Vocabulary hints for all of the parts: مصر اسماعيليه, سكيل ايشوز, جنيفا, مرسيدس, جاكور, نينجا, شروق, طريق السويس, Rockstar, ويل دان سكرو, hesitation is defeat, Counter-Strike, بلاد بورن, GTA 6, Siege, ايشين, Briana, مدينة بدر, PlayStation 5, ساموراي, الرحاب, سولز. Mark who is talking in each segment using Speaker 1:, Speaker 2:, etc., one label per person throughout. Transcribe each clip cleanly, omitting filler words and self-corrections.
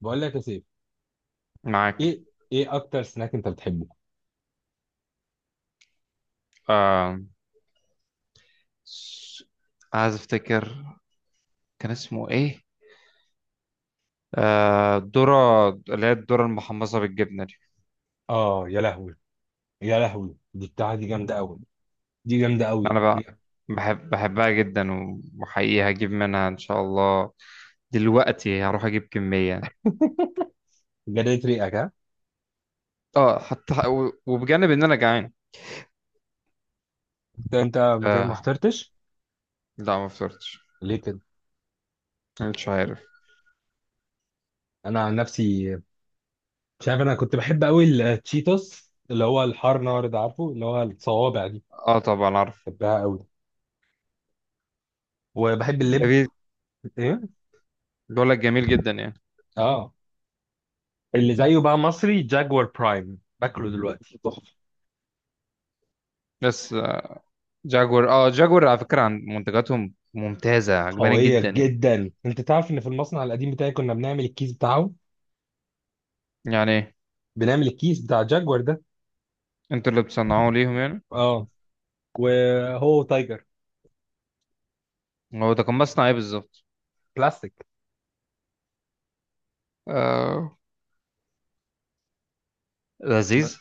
Speaker 1: بقول لك يا سيف.
Speaker 2: معاك.
Speaker 1: ايه؟ ايه اكتر سناك انت بتحبه؟
Speaker 2: آه... س- عايز افتكر كان اسمه ايه. الذرة اللي هي الذرة المحمصة بالجبنة دي.
Speaker 1: اه، يا لهوي. يا لهوي، دي بتاعه دي جامده قوي. دي جامده قوي.
Speaker 2: انا بقى بحبها جدا، وحقيقي هجيب منها ان شاء الله. دلوقتي هروح اجيب كمية.
Speaker 1: جريت ريقك، ها؟
Speaker 2: اه، حتى وبجانب ان انا جعان.
Speaker 1: انت ما
Speaker 2: آه...
Speaker 1: فطرتش؟
Speaker 2: لا، ما فطرتش.
Speaker 1: ليه كده؟
Speaker 2: مش عارف.
Speaker 1: انا عن نفسي. مش عارف، انا كنت بحب قوي التشيتوس اللي هو الحار نار ده، عارفه اللي هو الصوابع دي؟
Speaker 2: اه طبعا عارف.
Speaker 1: بحبها قوي. وبحب اللب.
Speaker 2: جميل.
Speaker 1: ايه؟
Speaker 2: بقول لك جميل جدا يعني.
Speaker 1: اه. اللي زيه بقى مصري جاكوار برايم باكله دلوقتي تحفه.
Speaker 2: بس، جاكور. اه، جاكور على فكرة، عن منتجاتهم ممتازة عجباني
Speaker 1: قويه
Speaker 2: جدا يعني.
Speaker 1: جدا، انت تعرف ان في المصنع القديم بتاعي كنا بنعمل الكيس بتاعه.
Speaker 2: يعني
Speaker 1: بنعمل الكيس بتاع جاكوار ده.
Speaker 2: انتوا اللي بتصنعوه ليهم يعني؟
Speaker 1: اه. وهو تايجر.
Speaker 2: هو ده كان مصنع ايه بالظبط؟
Speaker 1: بلاستيك.
Speaker 2: آه،
Speaker 1: ما-
Speaker 2: لذيذ.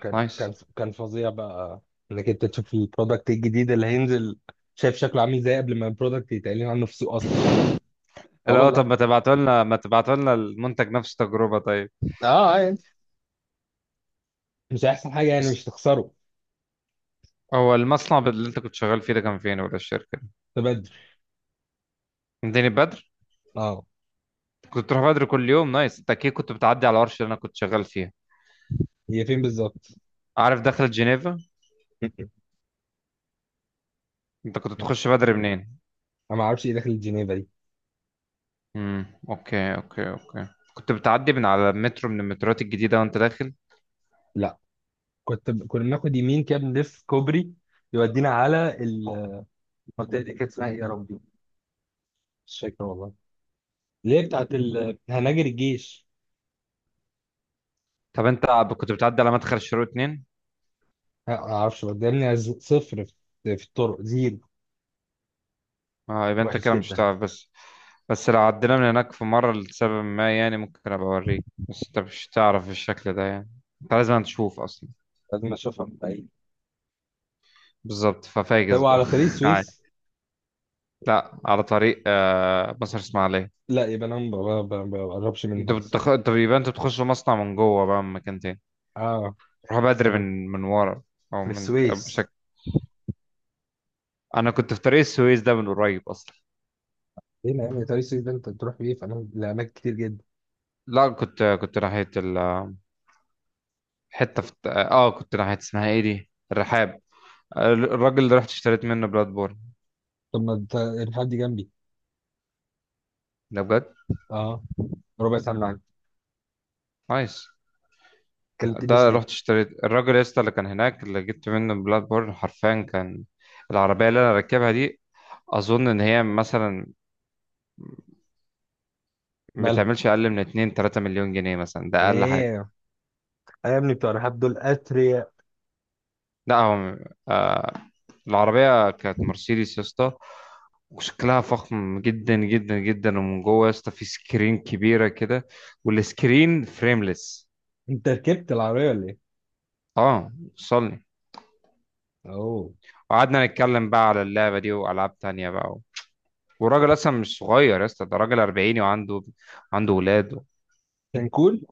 Speaker 1: كان كان
Speaker 2: نايس.
Speaker 1: كان فظيع بقى. انك انت تشوف البرودكت الجديد اللي هينزل. شايف شكله عامل ازاي قبل ما البرودكت يتقال عنه في السوق اصلا. اه،
Speaker 2: اللي هو طب
Speaker 1: والله.
Speaker 2: ما تبعتوا لنا المنتج نفس التجربة طيب.
Speaker 1: اه، يعني. مش هيحصل حاجه، يعني
Speaker 2: بس
Speaker 1: مش تخسره.
Speaker 2: هو المصنع اللي انت كنت شغال فيه ده كان فين ولا الشركة دي؟
Speaker 1: تبدل.
Speaker 2: مدينة بدر.
Speaker 1: اه.
Speaker 2: كنت بتروح بدر كل يوم. نايس. انت اكيد كنت بتعدي على الورشة اللي انا كنت شغال فيها.
Speaker 1: هي فين بالظبط؟
Speaker 2: عارف دخلة جنيفا؟ انت كنت تخش بدر منين؟
Speaker 1: انا ما اعرفش ايه داخل جنيفا دي.
Speaker 2: اوكي، اوكي، اوكي. كنت بتعدي من على مترو، من المتروات الجديدة وانت داخل؟
Speaker 1: لا، كنت كنا بناخد يمين كده، بنلف كوبري. يودينا على المنطقه. دي كانت اسمها ايه يا ربي؟ مش فاكر والله. اللي هي بتاعت هناجر الجيش.
Speaker 2: طب انت كنت بتعدي على مدخل شروق اتنين؟
Speaker 1: لا، ما اعرفش، بدلني صفر في الطرق زيرو.
Speaker 2: اه، يبقى انت
Speaker 1: وحش
Speaker 2: كده مش
Speaker 1: جدا.
Speaker 2: هتعرف بس. بس لو عدينا من هناك في مرة لسبب ما يعني ممكن ابقى اوريك، بس انت مش هتعرف بالشكل ده يعني. انت لازم تشوف اصلا.
Speaker 1: لازم اشوفها من بعيد.
Speaker 2: بالظبط، ففاجز
Speaker 1: هو
Speaker 2: بقى
Speaker 1: على طريق
Speaker 2: عادي.
Speaker 1: السويس؟
Speaker 2: لا، على طريق مصر اسماعيليه.
Speaker 1: لا، يبقى انا ما ب- ب- ما بقربش منها اصلا.
Speaker 2: انت يبقى انت بتخش مصنع من جوه بقى من مكان تاني.
Speaker 1: اه.
Speaker 2: تروح بدري
Speaker 1: نعم.
Speaker 2: من ورا. او
Speaker 1: من
Speaker 2: من
Speaker 1: السويس.
Speaker 2: بشكل. انا كنت في طريق السويس ده من قريب اصلا.
Speaker 1: ايه يا عم، طريق السويس ده انت بتروح بيه فانا لاماكن كتير جدا.
Speaker 2: لا، كنت ناحية حتة في، كنت ناحية اسمها ايه دي، الرحاب. آه، الراجل اللي رحت اشتريت منه بلاد بورن.
Speaker 1: طب ما انت الحد جنبي.
Speaker 2: ده بجد.
Speaker 1: اه. ربع ساعه من عندي.
Speaker 2: نايس.
Speaker 1: ما
Speaker 2: ده
Speaker 1: كلمتنيش
Speaker 2: رحت
Speaker 1: ليه؟
Speaker 2: اشتريت الراجل يا اسطى اللي كان هناك، اللي جبت منه بلاد بورن، حرفيا كان. العربية اللي انا راكبها دي اظن ان هي مثلا ما
Speaker 1: مالها؟
Speaker 2: بتعملش اقل من 2 3 مليون جنيه مثلا، ده
Speaker 1: واو.
Speaker 2: اقل حاجة.
Speaker 1: يا ابني بتوع الرحاب دول اثرياء.
Speaker 2: لا هو، آه، العربية كانت مرسيدس يا اسطى. وشكلها فخم جدا جدا جدا، ومن جوه يا اسطى في سكرين كبيرة كده. والسكرين فريمليس.
Speaker 1: انت ركبت العربيه ولا ايه؟
Speaker 2: اه، وصلني.
Speaker 1: اوه.
Speaker 2: وقعدنا نتكلم بقى على اللعبة دي وألعاب تانية بقى. والراجل اصلا مش صغير يا اسطى، ده راجل 40 وعنده، عنده ولاد.
Speaker 1: كان كول.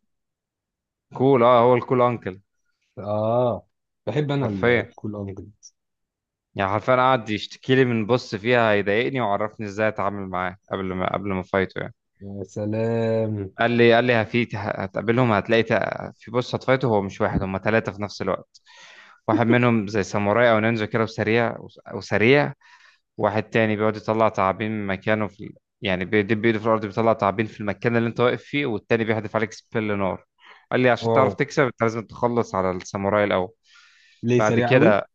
Speaker 2: كول، اه هو الكول انكل.
Speaker 1: اه. بحب انا.
Speaker 2: حرفيا.
Speaker 1: الكول انجلز.
Speaker 2: يعني حرفيا قعد يشتكي لي من بص فيها هيضايقني، وعرفني ازاي اتعامل معاه قبل ما فايته يعني.
Speaker 1: يا سلام.
Speaker 2: قال لي هفي هتقابلهم هتلاقي في بص هتفايته، هو مش واحد، هم ثلاثة في نفس الوقت. واحد منهم زي ساموراي او نينجا كده، وسريع. وسريع. واحد تاني بيقعد يطلع تعابين من مكانه، في، يعني بيدب ايده في الارض بيطلع تعابين في المكان اللي انت واقف فيه. والتاني بيحدف عليك سبيل نار. قال لي عشان
Speaker 1: واو.
Speaker 2: تعرف تكسب انت لازم تخلص على الساموراي الاول.
Speaker 1: ليه
Speaker 2: بعد
Speaker 1: سريع قوي؟
Speaker 2: كده،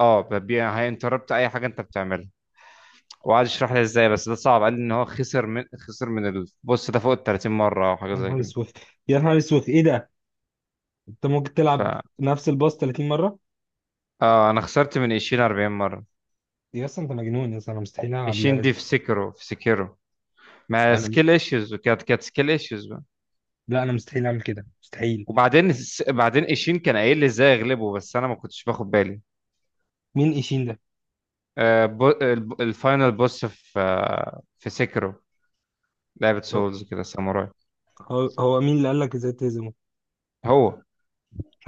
Speaker 2: اه ببيع هينتربت اي حاجه انت بتعملها. وقعد يشرح لي ازاي، بس ده صعب. قال لي ان هو خسر من البوس ده فوق ال 30 مره او حاجه
Speaker 1: يا
Speaker 2: زي
Speaker 1: نهار
Speaker 2: كده.
Speaker 1: اسود. يا نهار اسود، ايه ده؟ انت ممكن
Speaker 2: ف،
Speaker 1: تلعب نفس الباص 30 مره؟
Speaker 2: اه انا خسرت من ايشين 40 مره.
Speaker 1: يا اسطى، انت مجنون يا اسطى، انا مستحيل العب
Speaker 2: ايشين
Speaker 1: اللعبه دي.
Speaker 2: دي في سكرو، في سكيرو. ما
Speaker 1: انا
Speaker 2: سكيل
Speaker 1: مست...
Speaker 2: ايشوز، وكانت سكيل ايشوز.
Speaker 1: لا، انا مستحيل اعمل كده، مستحيل.
Speaker 2: وبعدين بعدين ايشين كان قايل لي ازاي اغلبه، بس انا ما كنتش باخد بالي.
Speaker 1: مين ايشين ده؟
Speaker 2: آه، الفاينل بوس في، آه، في سيكرو. لعبة
Speaker 1: هو.
Speaker 2: سولز كده، ساموراي.
Speaker 1: هو مين اللي قال لك ازاي تهزمه؟
Speaker 2: هو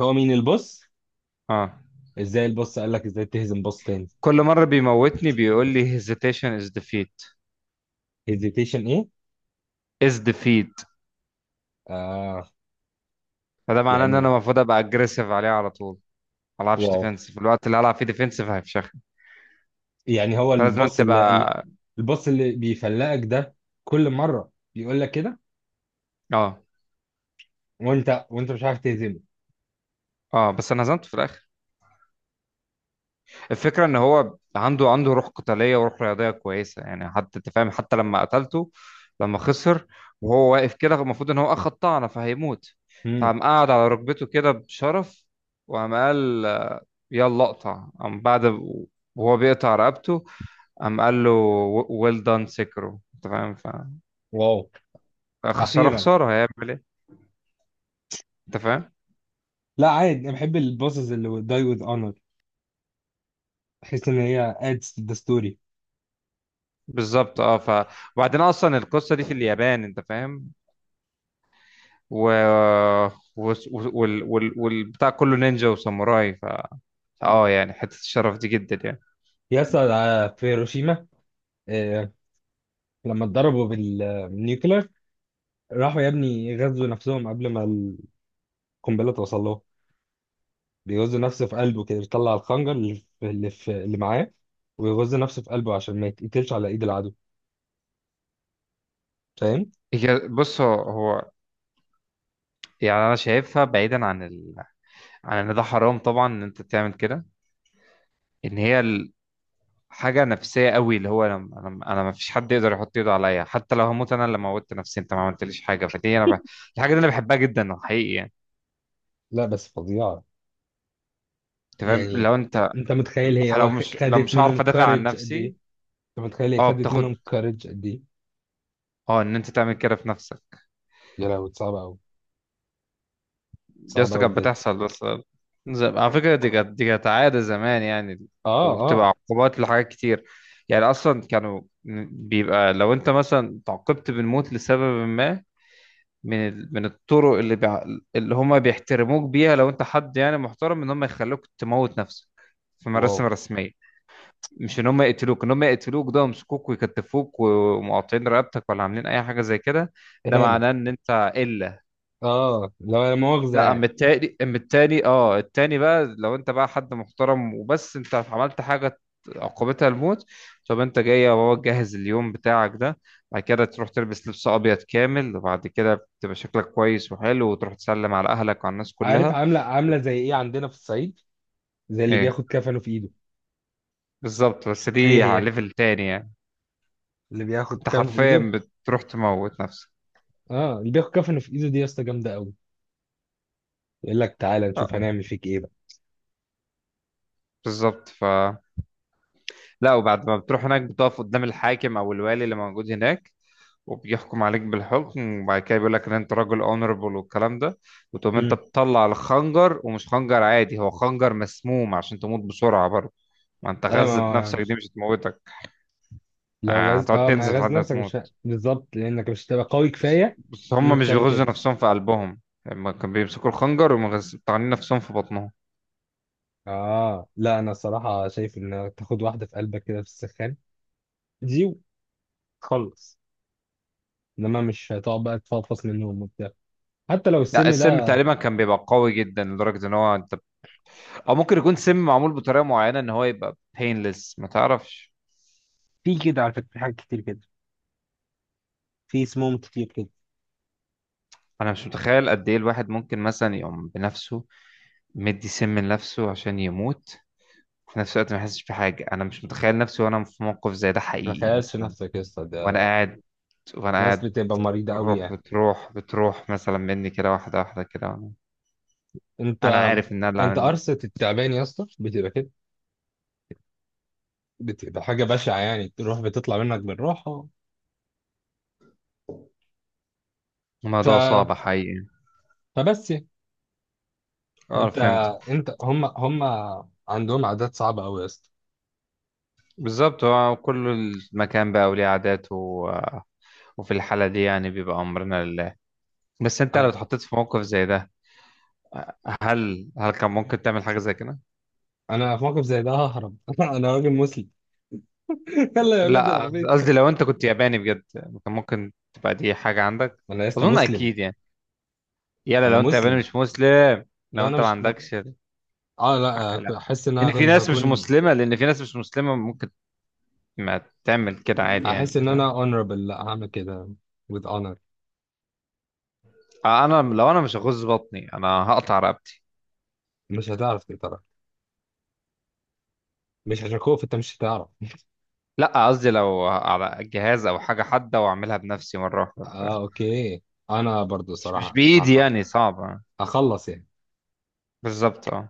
Speaker 1: هو مين الباص؟
Speaker 2: اه.
Speaker 1: ازاي الباص قال لك ازاي تهزم باص تاني؟
Speaker 2: كل مرة بيموتني بيقول لي hesitation is defeat.
Speaker 1: هيزيتيشن ايه؟
Speaker 2: is defeat.
Speaker 1: آه.
Speaker 2: فده معناه ان انا
Speaker 1: يعني.
Speaker 2: المفروض ابقى aggressive عليه على طول. ما العبش
Speaker 1: واو.
Speaker 2: ديفensive، الوقت اللي هلعب فيه ديفensive هيفشخني.
Speaker 1: يعني هو
Speaker 2: فلازم
Speaker 1: الباص اللي
Speaker 2: تبقى.
Speaker 1: الباص اللي بيفلقك ده، كل مره بيقول لك كده؟
Speaker 2: اه.
Speaker 1: وانت مش عارف تهزمه؟
Speaker 2: اه بس انا هزمته في الاخر. الفكرة ان هو عنده روح قتالية وروح رياضية كويسة يعني. حتى انت فاهم، حتى لما قتلته، لما خسر، وهو واقف كده المفروض ان هو اخد طعنة فهيموت،
Speaker 1: امم.
Speaker 2: فقام قاعد على ركبته كده بشرف. وقام قال يلا اقطع. قام بعد، وهو بيقطع رقبته، قام قال له ويل دان سكرو. انت فاهم
Speaker 1: واو.
Speaker 2: فخسارة،
Speaker 1: اخيرا.
Speaker 2: خسارة هيعمل ايه. انت فاهم.
Speaker 1: لا، عادي، انا بحب البوسز اللي داي وذ اونر. بحس ان هي adds to the story.
Speaker 2: بالظبط. اه، ف، وبعدين اصلا القصة دي في اليابان انت فاهم. و، والبتاع كله نينجا وساموراي. ف، اه يعني حتة الشرف دي جدا يعني.
Speaker 1: يس، في هيروشيما. آه، لما اتضربوا بالنيوكلير، راحوا يا ابني غزوا نفسهم قبل ما القنبله توصل له. بيغزوا نفسه في قلبه كده، بيطلع الخنجر اللي في اللي معاه. ويغز نفسه في قلبه عشان ما يتقتلش على ايد العدو. فاهم؟
Speaker 2: هي بص، هو يعني انا شايفها بعيدا عن عن ان ده حرام طبعا ان انت تعمل كده. ان هي حاجة نفسية قوي، اللي هو أنا ما فيش حد يقدر يحط ايده عليا، حتى لو هموت انا اللي موتت نفسي، انت ما عملتليش حاجة. فدي انا الحاجة دي انا بحبها جدا حقيقي يعني.
Speaker 1: لا، بس فظيعه.
Speaker 2: انت فاهم
Speaker 1: يعني،
Speaker 2: لو انت،
Speaker 1: انت متخيل هي
Speaker 2: لو مش، لو
Speaker 1: خدت
Speaker 2: مش
Speaker 1: منهم
Speaker 2: هعرف ادافع عن
Speaker 1: كارج قد ايه؟
Speaker 2: نفسي.
Speaker 1: انت متخيل هي
Speaker 2: اه
Speaker 1: خدت
Speaker 2: بتاخد.
Speaker 1: منهم كارج قد ايه؟
Speaker 2: اه، ان انت تعمل كده في نفسك.
Speaker 1: يا لهوي، صعبه قوي.
Speaker 2: يا
Speaker 1: صعبه
Speaker 2: اسطى
Speaker 1: قوي
Speaker 2: كانت
Speaker 1: بجد.
Speaker 2: بتحصل بس. على فكرة دي كانت، دي كانت عادة زمان يعني.
Speaker 1: اه،
Speaker 2: وبتبقى
Speaker 1: آه.
Speaker 2: عقوبات لحاجات كتير. يعني أصلا كانوا بيبقى، لو أنت مثلا تعاقبت بالموت لسبب ما من من الطرق اللي اللي هما بيحترموك بيها، لو أنت حد يعني محترم، إن هما يخلوك تموت نفسك في
Speaker 1: واو.
Speaker 2: مراسم رسمية. مش إن هما يقتلوك. إن هما يقتلوك ده يمسكوك ويكتفوك ومقاطعين رقبتك ولا عاملين أي حاجة زي كده، ده
Speaker 1: اهانه.
Speaker 2: معناه إن أنت إلا.
Speaker 1: اه، لو لا مؤاخذه
Speaker 2: لا،
Speaker 1: يعني.
Speaker 2: اما التاني، اما التاني بقى، لو انت بقى حد محترم وبس انت عملت حاجة عقوبتها الموت، طب انت جاي يا بابا تجهز اليوم بتاعك ده، بعد كده تروح تلبس لبس ابيض كامل، وبعد كده تبقى شكلك كويس وحلو، وتروح تسلم على اهلك وعلى الناس
Speaker 1: عارف
Speaker 2: كلها.
Speaker 1: عامله زي ايه عندنا في الصعيد؟ زي اللي
Speaker 2: ايه
Speaker 1: بياخد كفنه في ايده.
Speaker 2: بالظبط، بس
Speaker 1: هي
Speaker 2: دي على
Speaker 1: هي
Speaker 2: ليفل تاني يعني.
Speaker 1: اللي بياخد
Speaker 2: انت
Speaker 1: كفنه في ايده.
Speaker 2: حرفيا بتروح تموت نفسك.
Speaker 1: اه، اللي بياخد كفنه في ايده دي يا اسطى جامده قوي. يقول لك تعالى نشوف
Speaker 2: اه
Speaker 1: هنعمل فيك ايه بقى.
Speaker 2: بالظبط. ف، لا وبعد ما بتروح هناك، بتقف قدام الحاكم او الوالي اللي موجود هناك، وبيحكم عليك بالحكم. وبعد كده بيقول لك ان انت راجل اونربل والكلام ده، وتقوم انت
Speaker 1: امم.
Speaker 2: بتطلع الخنجر. ومش خنجر عادي، هو خنجر مسموم عشان تموت بسرعة برضه. ما انت
Speaker 1: ايوه،
Speaker 2: غزت
Speaker 1: ما
Speaker 2: نفسك دي
Speaker 1: مش-
Speaker 2: مش هتموتك.
Speaker 1: لو
Speaker 2: آه،
Speaker 1: غاز،
Speaker 2: هتقعد
Speaker 1: ما
Speaker 2: تنزف
Speaker 1: غاز
Speaker 2: لحد ما
Speaker 1: نفسك مش ه-
Speaker 2: تموت.
Speaker 1: بالظبط، لانك مش هتبقى قوي
Speaker 2: بس,
Speaker 1: كفايه
Speaker 2: بس هم
Speaker 1: انك
Speaker 2: مش
Speaker 1: تعمل
Speaker 2: بيغزوا
Speaker 1: كده.
Speaker 2: نفسهم في قلبهم، هم كانوا بيمسكوا الخنجر ومطعنين نفسهم في بطنهم.
Speaker 1: اه، لا، انا الصراحه شايف ان تاخد واحده في قلبك كده في السخان دي وتخلص. انما مش هتقعد بقى تفضفض منهم وبتاع. حتى لو
Speaker 2: لا،
Speaker 1: السم
Speaker 2: السم
Speaker 1: ده.
Speaker 2: تقريبا كان بيبقى قوي جدا لدرجة ان هو انت، او ممكن يكون سم معمول بطريقة معينة ان هو يبقى painless، ما تعرفش.
Speaker 1: في كده على فكرة، في حاجات كتير كده. في سموم كتير كده.
Speaker 2: انا مش متخيل قد ايه الواحد ممكن مثلا يقوم بنفسه، مدي سم لنفسه عشان يموت في نفس الوقت ما يحسش بحاجة. أنا مش متخيل نفسي وأنا في موقف زي ده
Speaker 1: ما
Speaker 2: حقيقي
Speaker 1: تخيلش
Speaker 2: مثلا،
Speaker 1: نفسك يا اسطى
Speaker 2: وأنا
Speaker 1: ده.
Speaker 2: قاعد وأنا
Speaker 1: ناس
Speaker 2: قاعد
Speaker 1: بتبقى مريضة قوي
Speaker 2: الروح
Speaker 1: يعني.
Speaker 2: بتروح مثلا مني كده واحدة واحدة كده، وأنا
Speaker 1: انت
Speaker 2: أنا عارف إن أنا اللي
Speaker 1: انت
Speaker 2: عامل ده.
Speaker 1: قرصة التعبان يا اسطى بتبقى كده. بتبقى حاجة بشعة، يعني تروح بتطلع منك بالراحة. ف...
Speaker 2: الموضوع صعب حقيقي.
Speaker 1: فبس يعني.
Speaker 2: أه
Speaker 1: انت
Speaker 2: فهمت.
Speaker 1: انت هم عندهم عادات صعبة قوي يا اسطى.
Speaker 2: بالظبط، هو كل المكان بقى وليه عاداته وفي الحالة دي يعني بيبقى أمرنا لله. بس أنت لو
Speaker 1: انا
Speaker 2: اتحطيت في موقف زي ده، هل كان ممكن تعمل حاجة زي كده؟
Speaker 1: انا في موقف زي ده ههرب انا راجل مسلم. يلا يا ولاد
Speaker 2: لا
Speaker 1: العبيط.
Speaker 2: قصدي، لو انت كنت ياباني بجد كان ممكن تبقى دي حاجة عندك.
Speaker 1: انا يا اسطى
Speaker 2: اظن
Speaker 1: مسلم.
Speaker 2: اكيد يعني. يلا،
Speaker 1: انا
Speaker 2: لو انت ياباني
Speaker 1: مسلم.
Speaker 2: مش مسلم، لو
Speaker 1: لا، انا
Speaker 2: انت ما
Speaker 1: مش
Speaker 2: عندكش
Speaker 1: اه،
Speaker 2: لا،
Speaker 1: لا، احس ان انا
Speaker 2: لان في
Speaker 1: هكون
Speaker 2: ناس مش
Speaker 1: هكون
Speaker 2: مسلمة، ممكن ما تعمل كده عادي
Speaker 1: احس
Speaker 2: يعني،
Speaker 1: ان
Speaker 2: تمام.
Speaker 1: انا honorable، لا هعمل كده with honor.
Speaker 2: آه، انا لو انا مش هغز بطني، انا هقطع رقبتي.
Speaker 1: مش هتعرف تقترح. مش عشان خوف، انت مش هتعرف.
Speaker 2: لا قصدي لو على جهاز او حاجة حادة واعملها بنفسي مرة واحدة،
Speaker 1: اه،
Speaker 2: تمام.
Speaker 1: اوكي. انا برضو
Speaker 2: مش، مش
Speaker 1: صراحة
Speaker 2: بايدي يعني صعبة.
Speaker 1: هخلص يعني.
Speaker 2: بالظبط، اه.